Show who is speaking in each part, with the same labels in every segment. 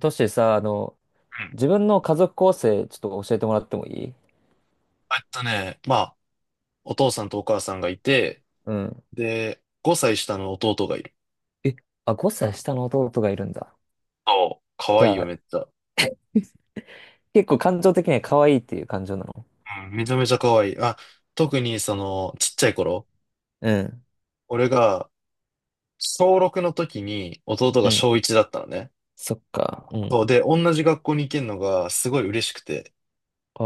Speaker 1: トシさ、
Speaker 2: うん。
Speaker 1: 自分の家族構成、ちょっと教えてもらってもいい？
Speaker 2: えっとね、まあ、お父さんとお母さんがいて、
Speaker 1: うん。
Speaker 2: で、5歳下の弟がいる。
Speaker 1: え、あ、5歳下の弟がいるんだ。
Speaker 2: そう。可
Speaker 1: じ
Speaker 2: 愛いい
Speaker 1: ゃ
Speaker 2: よ、
Speaker 1: あ、
Speaker 2: めっちゃ。
Speaker 1: 結構感情的には可愛いっていう感情なの？
Speaker 2: うん、めちゃめちゃ可愛いい。特にちっちゃい頃、
Speaker 1: うん。
Speaker 2: 俺が小6の時に弟
Speaker 1: う
Speaker 2: が
Speaker 1: ん。
Speaker 2: 小1だったのね。
Speaker 1: そっか。うん。
Speaker 2: そう、で、同じ学校に行けるのがすごい嬉しくて。
Speaker 1: お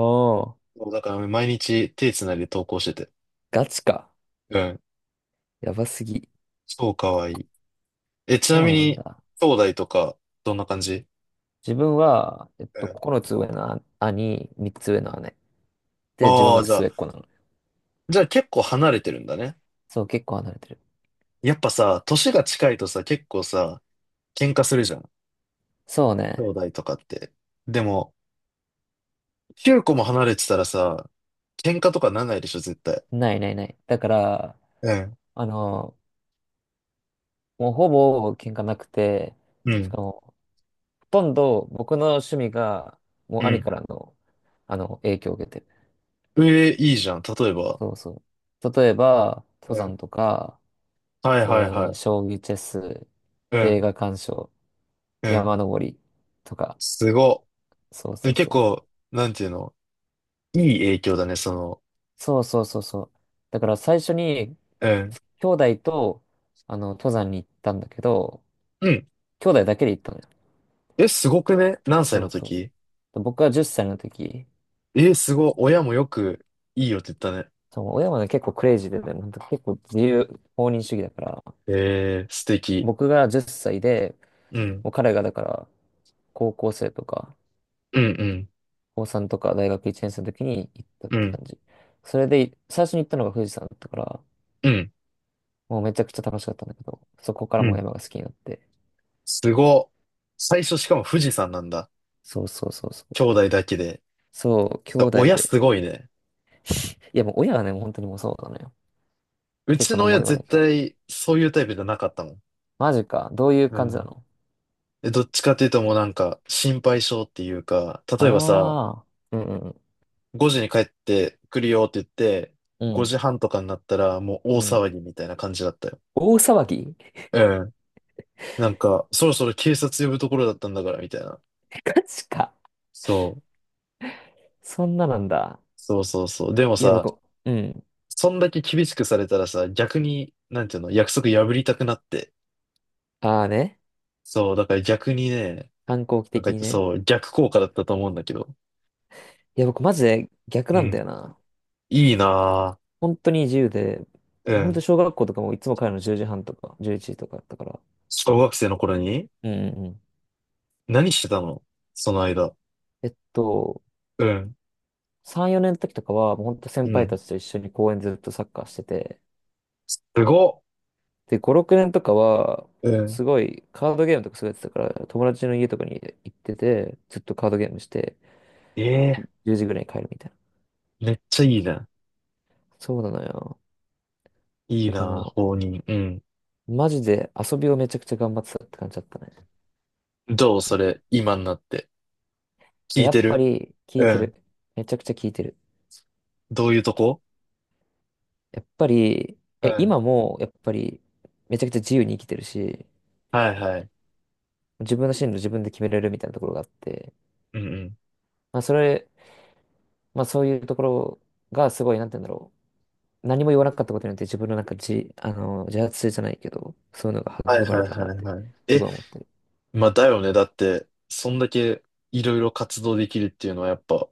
Speaker 1: ー、
Speaker 2: そう、だから毎日手つないで登校してて。
Speaker 1: ガチか。
Speaker 2: うん、
Speaker 1: やばすぎ。
Speaker 2: 超可愛いい。ちな
Speaker 1: そ
Speaker 2: み
Speaker 1: うなん
Speaker 2: に、
Speaker 1: だ。
Speaker 2: 兄弟とか、どんな感じ？
Speaker 1: 自分は、
Speaker 2: うん。
Speaker 1: 9つ上の兄、3つ上の姉。で、自分
Speaker 2: ああ、
Speaker 1: が
Speaker 2: じゃあ、
Speaker 1: 末っ子なの。
Speaker 2: じゃあ結構離れてるんだね。
Speaker 1: そう、結構離れてる。
Speaker 2: やっぱさ、年が近いとさ、結構さ、喧嘩するじゃん。
Speaker 1: そう
Speaker 2: 兄
Speaker 1: ね。
Speaker 2: 弟とかって。でも、9個も離れてたらさ、喧嘩とかならないでしょ、絶対。
Speaker 1: ないないない。だから、
Speaker 2: うん。
Speaker 1: あの、もうほぼ喧嘩なくて、
Speaker 2: う
Speaker 1: しか
Speaker 2: ん。
Speaker 1: も、ほとんど僕の趣味が、もう
Speaker 2: う
Speaker 1: 兄
Speaker 2: ん。
Speaker 1: からの、影響を受けてる。
Speaker 2: ええ、いいじゃん。例えば。
Speaker 1: そうそう。例えば、登
Speaker 2: うん。
Speaker 1: 山とか、
Speaker 2: はいはいは
Speaker 1: 将棋、チェス、
Speaker 2: い。う
Speaker 1: 映
Speaker 2: ん。
Speaker 1: 画鑑賞、
Speaker 2: うん。
Speaker 1: 山登りとか、
Speaker 2: すご。
Speaker 1: そうそう
Speaker 2: 結
Speaker 1: そう。
Speaker 2: 構、なんていうの、いい影響だね、その。
Speaker 1: そうそうそうそう。だから最初に、
Speaker 2: うん。
Speaker 1: 兄弟と、登山に行ったんだけど、
Speaker 2: うん。
Speaker 1: 兄弟だけで行ったのよ。
Speaker 2: え、すごくね？何歳
Speaker 1: そ
Speaker 2: の
Speaker 1: うそうそ
Speaker 2: 時？
Speaker 1: う。で僕が10歳の時、
Speaker 2: え、すご。親もよく、いいよって言ったね。
Speaker 1: そう、親はね、結構クレイジーでね、なんか結構自由、放任主義だから、
Speaker 2: ええ、素敵。
Speaker 1: 僕が10歳で、
Speaker 2: うん。
Speaker 1: もう彼がだから、高校生とか、
Speaker 2: うんうん。
Speaker 1: 高3とか大学1年生の時に行ったっ
Speaker 2: う
Speaker 1: て感
Speaker 2: ん。
Speaker 1: じ。それで、最初に行ったのが富士山だったから、
Speaker 2: うん。
Speaker 1: もうめちゃくちゃ楽しかったんだけど、そこから
Speaker 2: う
Speaker 1: もう
Speaker 2: ん。
Speaker 1: 山が好きになって。
Speaker 2: すご。最初しかも富士山なんだ。
Speaker 1: そうそうそうそう。
Speaker 2: 兄弟だけで。
Speaker 1: そう、兄
Speaker 2: そう
Speaker 1: 弟
Speaker 2: 親す
Speaker 1: で。
Speaker 2: ごいね。
Speaker 1: いやもう親がね、もう本当にもうそうなのよ。
Speaker 2: う
Speaker 1: 結
Speaker 2: ち
Speaker 1: 構
Speaker 2: の
Speaker 1: 何も
Speaker 2: 親
Speaker 1: 言わない
Speaker 2: 絶
Speaker 1: から。
Speaker 2: 対そういうタイプじゃなかったもん。
Speaker 1: マジか。どういう
Speaker 2: う
Speaker 1: 感じな
Speaker 2: ん。
Speaker 1: の？
Speaker 2: で、どっちかっていうともうなんか心配性っていうか、例えばさ、
Speaker 1: ああー、うんうん
Speaker 2: 5時に帰ってくるよって言って、
Speaker 1: う
Speaker 2: 5
Speaker 1: ん。
Speaker 2: 時半とかになったらもう大
Speaker 1: うんうん。
Speaker 2: 騒ぎみたいな感じだったよ。
Speaker 1: 大騒ぎ？
Speaker 2: うん。なんか、そろそろ警察呼ぶところだったんだからみたいな。
Speaker 1: ガチか。
Speaker 2: そう。
Speaker 1: そんななんだ。
Speaker 2: そうそうそう。でも
Speaker 1: いや、
Speaker 2: さ、
Speaker 1: 僕、うん。
Speaker 2: そんだけ厳しくされたらさ、逆に、なんていうの、約束破りたくなって、
Speaker 1: ああね。
Speaker 2: そう、だから逆にね、
Speaker 1: 反抗期
Speaker 2: なん
Speaker 1: 的
Speaker 2: か
Speaker 1: にね。
Speaker 2: そう、逆効果だったと思うんだけど。
Speaker 1: いや、僕マジで逆
Speaker 2: う
Speaker 1: なん
Speaker 2: ん。
Speaker 1: だよな。
Speaker 2: いいな
Speaker 1: 本当に自由で、
Speaker 2: ぁ。う
Speaker 1: 本当
Speaker 2: ん。
Speaker 1: 小学校とかもいつも帰るの10時半とか、11時とかだったから。
Speaker 2: 小学生の頃に
Speaker 1: うんうんうん。
Speaker 2: 何してたの？その間。
Speaker 1: えっと、
Speaker 2: うん。
Speaker 1: 3、4年の時とかは、もう本当先
Speaker 2: う
Speaker 1: 輩
Speaker 2: ん。
Speaker 1: たちと一緒に公園ずっとサッカーしてて、
Speaker 2: すごっ。
Speaker 1: で、5、6年とかは、
Speaker 2: うん。
Speaker 1: すごいカードゲームとかすごいやってたから、友達の家とかに行ってて、ずっとカードゲームして、
Speaker 2: ええ
Speaker 1: 10時ぐらいに帰るみたいな。
Speaker 2: めっちゃいいな。
Speaker 1: そうなのよ。
Speaker 2: いい
Speaker 1: だから
Speaker 2: なぁ、
Speaker 1: も
Speaker 2: 放任。うん。
Speaker 1: う、マジで遊びをめちゃくちゃ頑張ってたって感じだったね。
Speaker 2: どうそれ、今になって。聞い
Speaker 1: や
Speaker 2: て
Speaker 1: っぱ
Speaker 2: る？
Speaker 1: り、聞い
Speaker 2: う
Speaker 1: て
Speaker 2: ん。
Speaker 1: る。めちゃくちゃ聞いてる。
Speaker 2: どういうとこ？
Speaker 1: やっぱり、
Speaker 2: うん。
Speaker 1: 今もやっぱりめちゃくちゃ自由に生きてるし、
Speaker 2: はいはい。
Speaker 1: 自分の進路自分で決めれるみたいなところがあって、
Speaker 2: うんうん。
Speaker 1: まあそれ、まあそういうところがすごい、なんて言うんだろう。何も言わなかったことによって自分のなんか自発性じゃないけど、そういうのが
Speaker 2: はい
Speaker 1: 育ま
Speaker 2: は
Speaker 1: れ
Speaker 2: い
Speaker 1: た
Speaker 2: は
Speaker 1: なっ
Speaker 2: い
Speaker 1: て
Speaker 2: はい。
Speaker 1: す
Speaker 2: え、
Speaker 1: ごい思ってる。
Speaker 2: まあだよね。だって、そんだけいろいろ活動できるっていうのはやっぱ、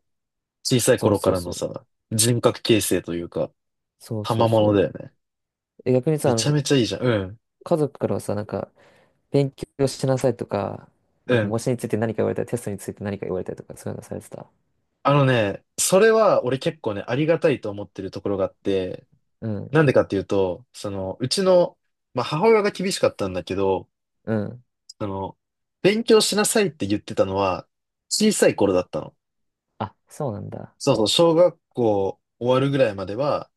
Speaker 2: 小さい
Speaker 1: そう
Speaker 2: 頃か
Speaker 1: そう
Speaker 2: らの
Speaker 1: そう。
Speaker 2: さ、人格形成というか、
Speaker 1: そうそう
Speaker 2: 賜物だ
Speaker 1: そ
Speaker 2: よね。
Speaker 1: う。え、逆にさ、
Speaker 2: めちゃめちゃいいじゃん。うん。
Speaker 1: 家族からはさ、なんか、勉強しなさいとか、
Speaker 2: う
Speaker 1: なんか
Speaker 2: ん。
Speaker 1: 模試について何か言われたり、テストについて何か言われたりとか、そういうのされてた？
Speaker 2: あのね、それは俺結構ね、ありがたいと思ってるところがあって、
Speaker 1: うん、
Speaker 2: なんでかっていうと、その、うちの、まあ、母親が厳しかったんだけど、
Speaker 1: うん。
Speaker 2: その、勉強しなさいって言ってたのは、小さい頃だったの。
Speaker 1: あ、そうなんだ。
Speaker 2: そうそう、小学校終わるぐらいまでは、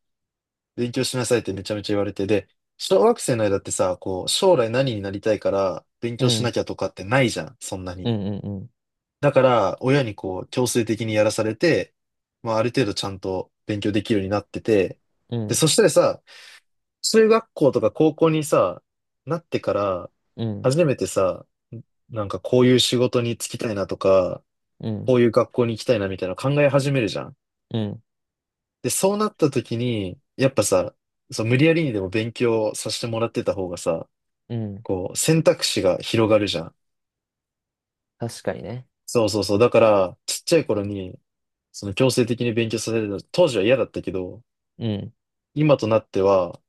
Speaker 2: 勉強しなさいってめちゃめちゃ言われて、で、小学生の間ってさ、こう、将来何になりたいから勉
Speaker 1: う
Speaker 2: 強しな
Speaker 1: ん。
Speaker 2: きゃとかってないじゃん、そんな
Speaker 1: う
Speaker 2: に。
Speaker 1: んうんうん。
Speaker 2: だから、親にこう、強制的にやらされて、まあ、ある程度ちゃんと勉強できるようになってて、
Speaker 1: う
Speaker 2: で、
Speaker 1: ん
Speaker 2: そしたらさ、中学校とか高校にさ、なってから、
Speaker 1: うん
Speaker 2: 初めてさ、なんかこういう仕事に就きたいなとか、こういう学校に行きたいなみたいなの考え始めるじゃん。
Speaker 1: うん
Speaker 2: で、そうなった時に、やっぱさ、そう、無理やりにでも勉強させてもらってた方がさ、
Speaker 1: うん。
Speaker 2: こう、選択肢が広がるじゃん。
Speaker 1: 確かにね。
Speaker 2: そうそうそう。だから、ちっちゃい頃に、その強制的に勉強させるの、当時は嫌だったけど、
Speaker 1: うん。
Speaker 2: 今となっては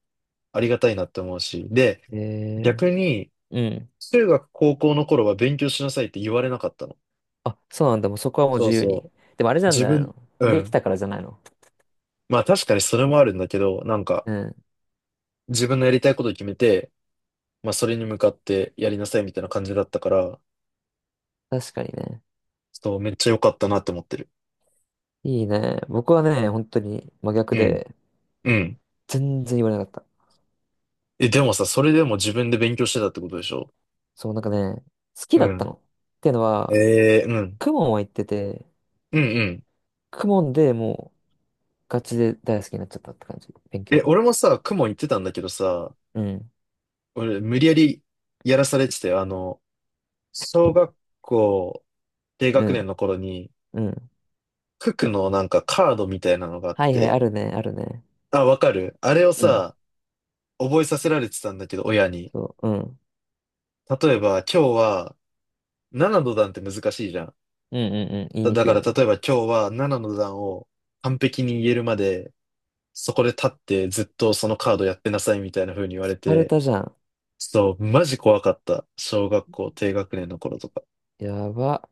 Speaker 2: ありがたいなって思うし、で、
Speaker 1: ええ
Speaker 2: 逆に、
Speaker 1: うん。
Speaker 2: 中学、高校の頃は勉強しなさいって言われなかったの。
Speaker 1: あ、そうなんだ。もうそこはもう
Speaker 2: そ
Speaker 1: 自
Speaker 2: う
Speaker 1: 由
Speaker 2: そ
Speaker 1: に。
Speaker 2: う。
Speaker 1: でもあれじゃ
Speaker 2: 自
Speaker 1: ない
Speaker 2: 分、
Speaker 1: の？
Speaker 2: う
Speaker 1: でき
Speaker 2: ん。
Speaker 1: たからじゃないの？
Speaker 2: まあ確かにそれもあるんだけど、なんか、
Speaker 1: うん。
Speaker 2: 自分のやりたいことを決めて、まあそれに向かってやりなさいみたいな感じだったから、
Speaker 1: 確かにね。
Speaker 2: そう、めっちゃ良かったなって思ってる。
Speaker 1: いいね。僕はね、本当に真逆
Speaker 2: うん。
Speaker 1: で、
Speaker 2: うん。
Speaker 1: 全然言われなかった。
Speaker 2: え、でもさ、それでも自分で勉強してたってことでしょ？
Speaker 1: そう、なんかね、好き
Speaker 2: う
Speaker 1: だった
Speaker 2: ん。
Speaker 1: の。っていうのは、
Speaker 2: ええうん。
Speaker 1: クモンは行ってて、
Speaker 2: うんうん。
Speaker 1: クモンでもうガチで大好きになっちゃったって感じ。勉強
Speaker 2: え、
Speaker 1: が。
Speaker 2: 俺もさ、公文行ってたんだけどさ、
Speaker 1: うん。
Speaker 2: 俺無理やりやらされてたよ。あの、小学校低
Speaker 1: う
Speaker 2: 学年
Speaker 1: ん。
Speaker 2: の頃に、
Speaker 1: うん。
Speaker 2: 九九のなんかカードみたいなのがあっ
Speaker 1: はいはい、あ
Speaker 2: て、
Speaker 1: るね、あるね。
Speaker 2: あ、わかる？あれを
Speaker 1: うん。
Speaker 2: さ、覚えさせられてたんだけど、親に。
Speaker 1: そう、うん。
Speaker 2: 例えば、今日は7の段って難しいじゃん。
Speaker 1: うんうんうん。言いに
Speaker 2: だ
Speaker 1: くい
Speaker 2: から
Speaker 1: よ
Speaker 2: 例
Speaker 1: ね。
Speaker 2: えば今日は7の段を完璧に言えるまで、そこで立ってずっとそのカードやってなさいみたいな風に言われ
Speaker 1: カル
Speaker 2: て、
Speaker 1: タじゃん。
Speaker 2: そう、マジ怖かった。小学校低学年の頃とか。
Speaker 1: やば。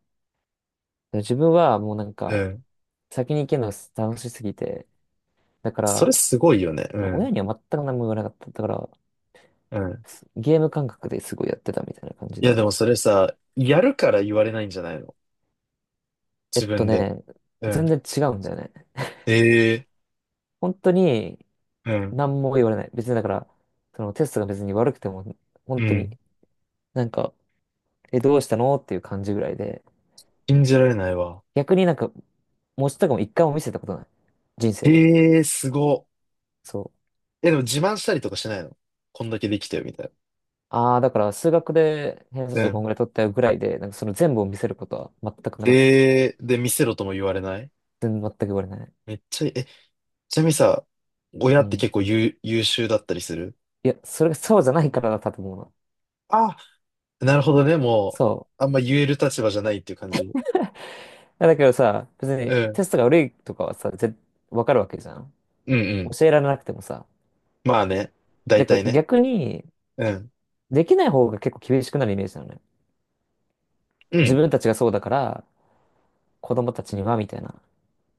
Speaker 1: 自分はもうなん
Speaker 2: う
Speaker 1: か、
Speaker 2: ん。
Speaker 1: 先に行けるのが楽しすぎて、だか
Speaker 2: それ
Speaker 1: ら、
Speaker 2: すごいよね。う
Speaker 1: 親
Speaker 2: ん。
Speaker 1: には全く何も言わなかった。だから、
Speaker 2: うん。
Speaker 1: ゲーム感覚ですごいやってたみたいな感じ
Speaker 2: いや、で
Speaker 1: で。
Speaker 2: もそれさ、やるから言われないんじゃないの？
Speaker 1: え
Speaker 2: 自
Speaker 1: っと
Speaker 2: 分で。
Speaker 1: ね、
Speaker 2: うん。
Speaker 1: 全然違うんだよね。
Speaker 2: ええ
Speaker 1: 本当に
Speaker 2: うん。
Speaker 1: 何も言われない。別にだから、そのテストが別に悪くても、本
Speaker 2: う
Speaker 1: 当
Speaker 2: ん。
Speaker 1: になんか、え、どうしたのっていう感じぐらいで、
Speaker 2: 信じられないわ。
Speaker 1: 逆になんか、文字とかも一回も見せたことない。人生で。
Speaker 2: ええすご。
Speaker 1: そう。
Speaker 2: え、でも自慢したりとかしないの？こんだけできたよ、みたい
Speaker 1: ああ、だから数学で偏差値
Speaker 2: な。う
Speaker 1: でこん
Speaker 2: ん。
Speaker 1: ぐらい取ったよぐらいで、なんかその全部を見せることは全くなかった。
Speaker 2: ええで、見せろとも言われない？
Speaker 1: 全く言われない。
Speaker 2: めっちゃいい、え、ちなみにさ、親
Speaker 1: う
Speaker 2: って結
Speaker 1: ん。
Speaker 2: 構優、優秀だったりする？
Speaker 1: いや、それがそうじゃないからだったと思うの。
Speaker 2: あ、なるほどね。も
Speaker 1: そう。
Speaker 2: う、あんま言える立場じゃないっていう感じ。
Speaker 1: いやだけどさ、別に
Speaker 2: う
Speaker 1: テ
Speaker 2: ん、
Speaker 1: ストが悪いとかはさ、わかるわけじゃん。
Speaker 2: うん、うん。
Speaker 1: 教えられなくてもさ。
Speaker 2: まあね。大
Speaker 1: だか
Speaker 2: 体
Speaker 1: ら
Speaker 2: ね。
Speaker 1: 逆に、
Speaker 2: うん。
Speaker 1: できない方が結構厳しくなるイメージなのね。
Speaker 2: う
Speaker 1: 自
Speaker 2: ん。
Speaker 1: 分たちがそうだから、子供たちには、みたいな。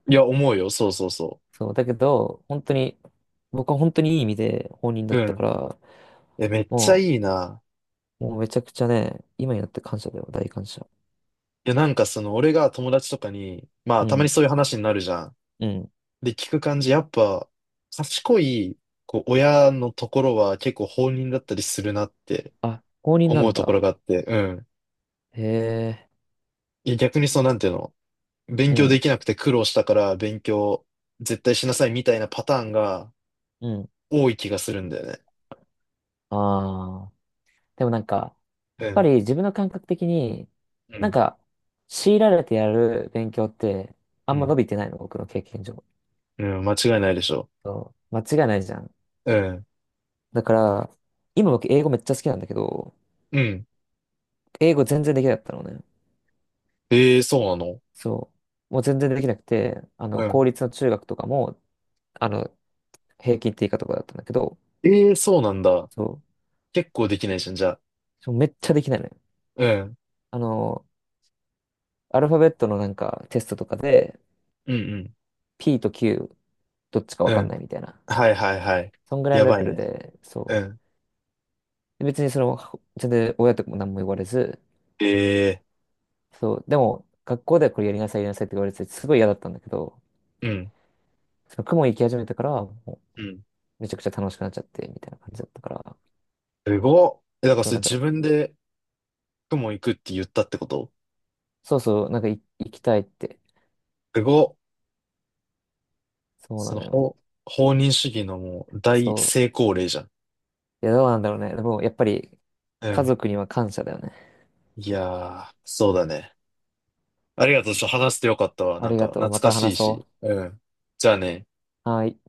Speaker 2: いや、思うよ。そうそうそ
Speaker 1: そう。だけど、本当に、僕は本当にいい意味で放任だ
Speaker 2: う。
Speaker 1: っ
Speaker 2: う
Speaker 1: たか
Speaker 2: ん。
Speaker 1: ら、
Speaker 2: え、めっちゃ
Speaker 1: も
Speaker 2: い
Speaker 1: う、
Speaker 2: いな。
Speaker 1: もうめちゃくちゃね、今になって感謝だよ、大感謝。
Speaker 2: いや、なんかその、俺が友達とかに、ま
Speaker 1: う
Speaker 2: あ、たまに
Speaker 1: ん、
Speaker 2: そういう話になるじゃん。
Speaker 1: うん。
Speaker 2: で、聞く感じ、やっぱ、賢い、こう、親のところは結構放任だったりするなって
Speaker 1: あ、公認な
Speaker 2: 思
Speaker 1: ん
Speaker 2: うところ
Speaker 1: だ。
Speaker 2: があって、うん。
Speaker 1: へえ、
Speaker 2: いや、逆にその、なんていうの、勉
Speaker 1: う
Speaker 2: 強
Speaker 1: ん、
Speaker 2: できなくて苦労したから勉強絶対しなさいみたいなパターンが
Speaker 1: うん。
Speaker 2: 多い気がするんだよね。
Speaker 1: ああ。でもなんか、や
Speaker 2: う
Speaker 1: っぱ
Speaker 2: ん。
Speaker 1: り自分の感覚的に、
Speaker 2: う
Speaker 1: なん
Speaker 2: ん。
Speaker 1: か、強いられてやる勉強って、あ
Speaker 2: う
Speaker 1: んま
Speaker 2: ん
Speaker 1: 伸びてないの、僕の経験上。
Speaker 2: うん、間違いないでしょ。
Speaker 1: そう、間違いないじゃん。
Speaker 2: うん。
Speaker 1: だから、今僕英語めっちゃ好きなんだけど、
Speaker 2: うん。
Speaker 1: 英語全然できなかったのね。
Speaker 2: ええ、そうなの？
Speaker 1: そう。もう全然できなくて、
Speaker 2: うん。
Speaker 1: 公立の中学とかも、あの、平均って以下とかだったんだけど、
Speaker 2: ええ、そうなんだ。
Speaker 1: そう。
Speaker 2: 結構できないじゃん、じゃあ。
Speaker 1: そうめっちゃできないのよ。
Speaker 2: うん。
Speaker 1: あの、アルファベットのなんかテストとかで、
Speaker 2: うん
Speaker 1: P と Q どっちか
Speaker 2: う
Speaker 1: わ
Speaker 2: ん。う
Speaker 1: かんな
Speaker 2: ん。
Speaker 1: いみたいな。
Speaker 2: はいはいはい。
Speaker 1: そんぐらい
Speaker 2: や
Speaker 1: のレ
Speaker 2: ば
Speaker 1: ベ
Speaker 2: い
Speaker 1: ル
Speaker 2: ね。
Speaker 1: で、そう。
Speaker 2: うん。
Speaker 1: で別にその、全然親とかも何も言われず、
Speaker 2: ええ、
Speaker 1: そう。でも、学校ではこれやりなさい、やりなさいって言われてすごい嫌だったんだけど、
Speaker 2: うん。
Speaker 1: その雲行き始めてから、もう
Speaker 2: うん。
Speaker 1: めちゃくちゃ楽しくなっちゃって、みたいな感じだったから、
Speaker 2: すごっ。え、だから
Speaker 1: そう、
Speaker 2: それ
Speaker 1: なん
Speaker 2: 自
Speaker 1: か、
Speaker 2: 分で雲行くって言ったってこと？
Speaker 1: そうそう、なんかい行きたいって、
Speaker 2: すごっ。
Speaker 1: そう
Speaker 2: そ
Speaker 1: な
Speaker 2: の、
Speaker 1: のよ。
Speaker 2: 法、放任主義のもう
Speaker 1: そ
Speaker 2: 大成功例じゃん。
Speaker 1: う。いや、どうなんだろうね。でも、やっぱり、
Speaker 2: う
Speaker 1: 家
Speaker 2: ん。
Speaker 1: 族には感謝だよね。
Speaker 2: いやー、そうだね。ありがとう。ちょっと話してよかったわ。
Speaker 1: あ
Speaker 2: なん
Speaker 1: り
Speaker 2: か
Speaker 1: がと
Speaker 2: 懐
Speaker 1: う。ま
Speaker 2: か
Speaker 1: た
Speaker 2: しい
Speaker 1: 話
Speaker 2: し。
Speaker 1: そ
Speaker 2: うん。じゃあね。
Speaker 1: う。はい。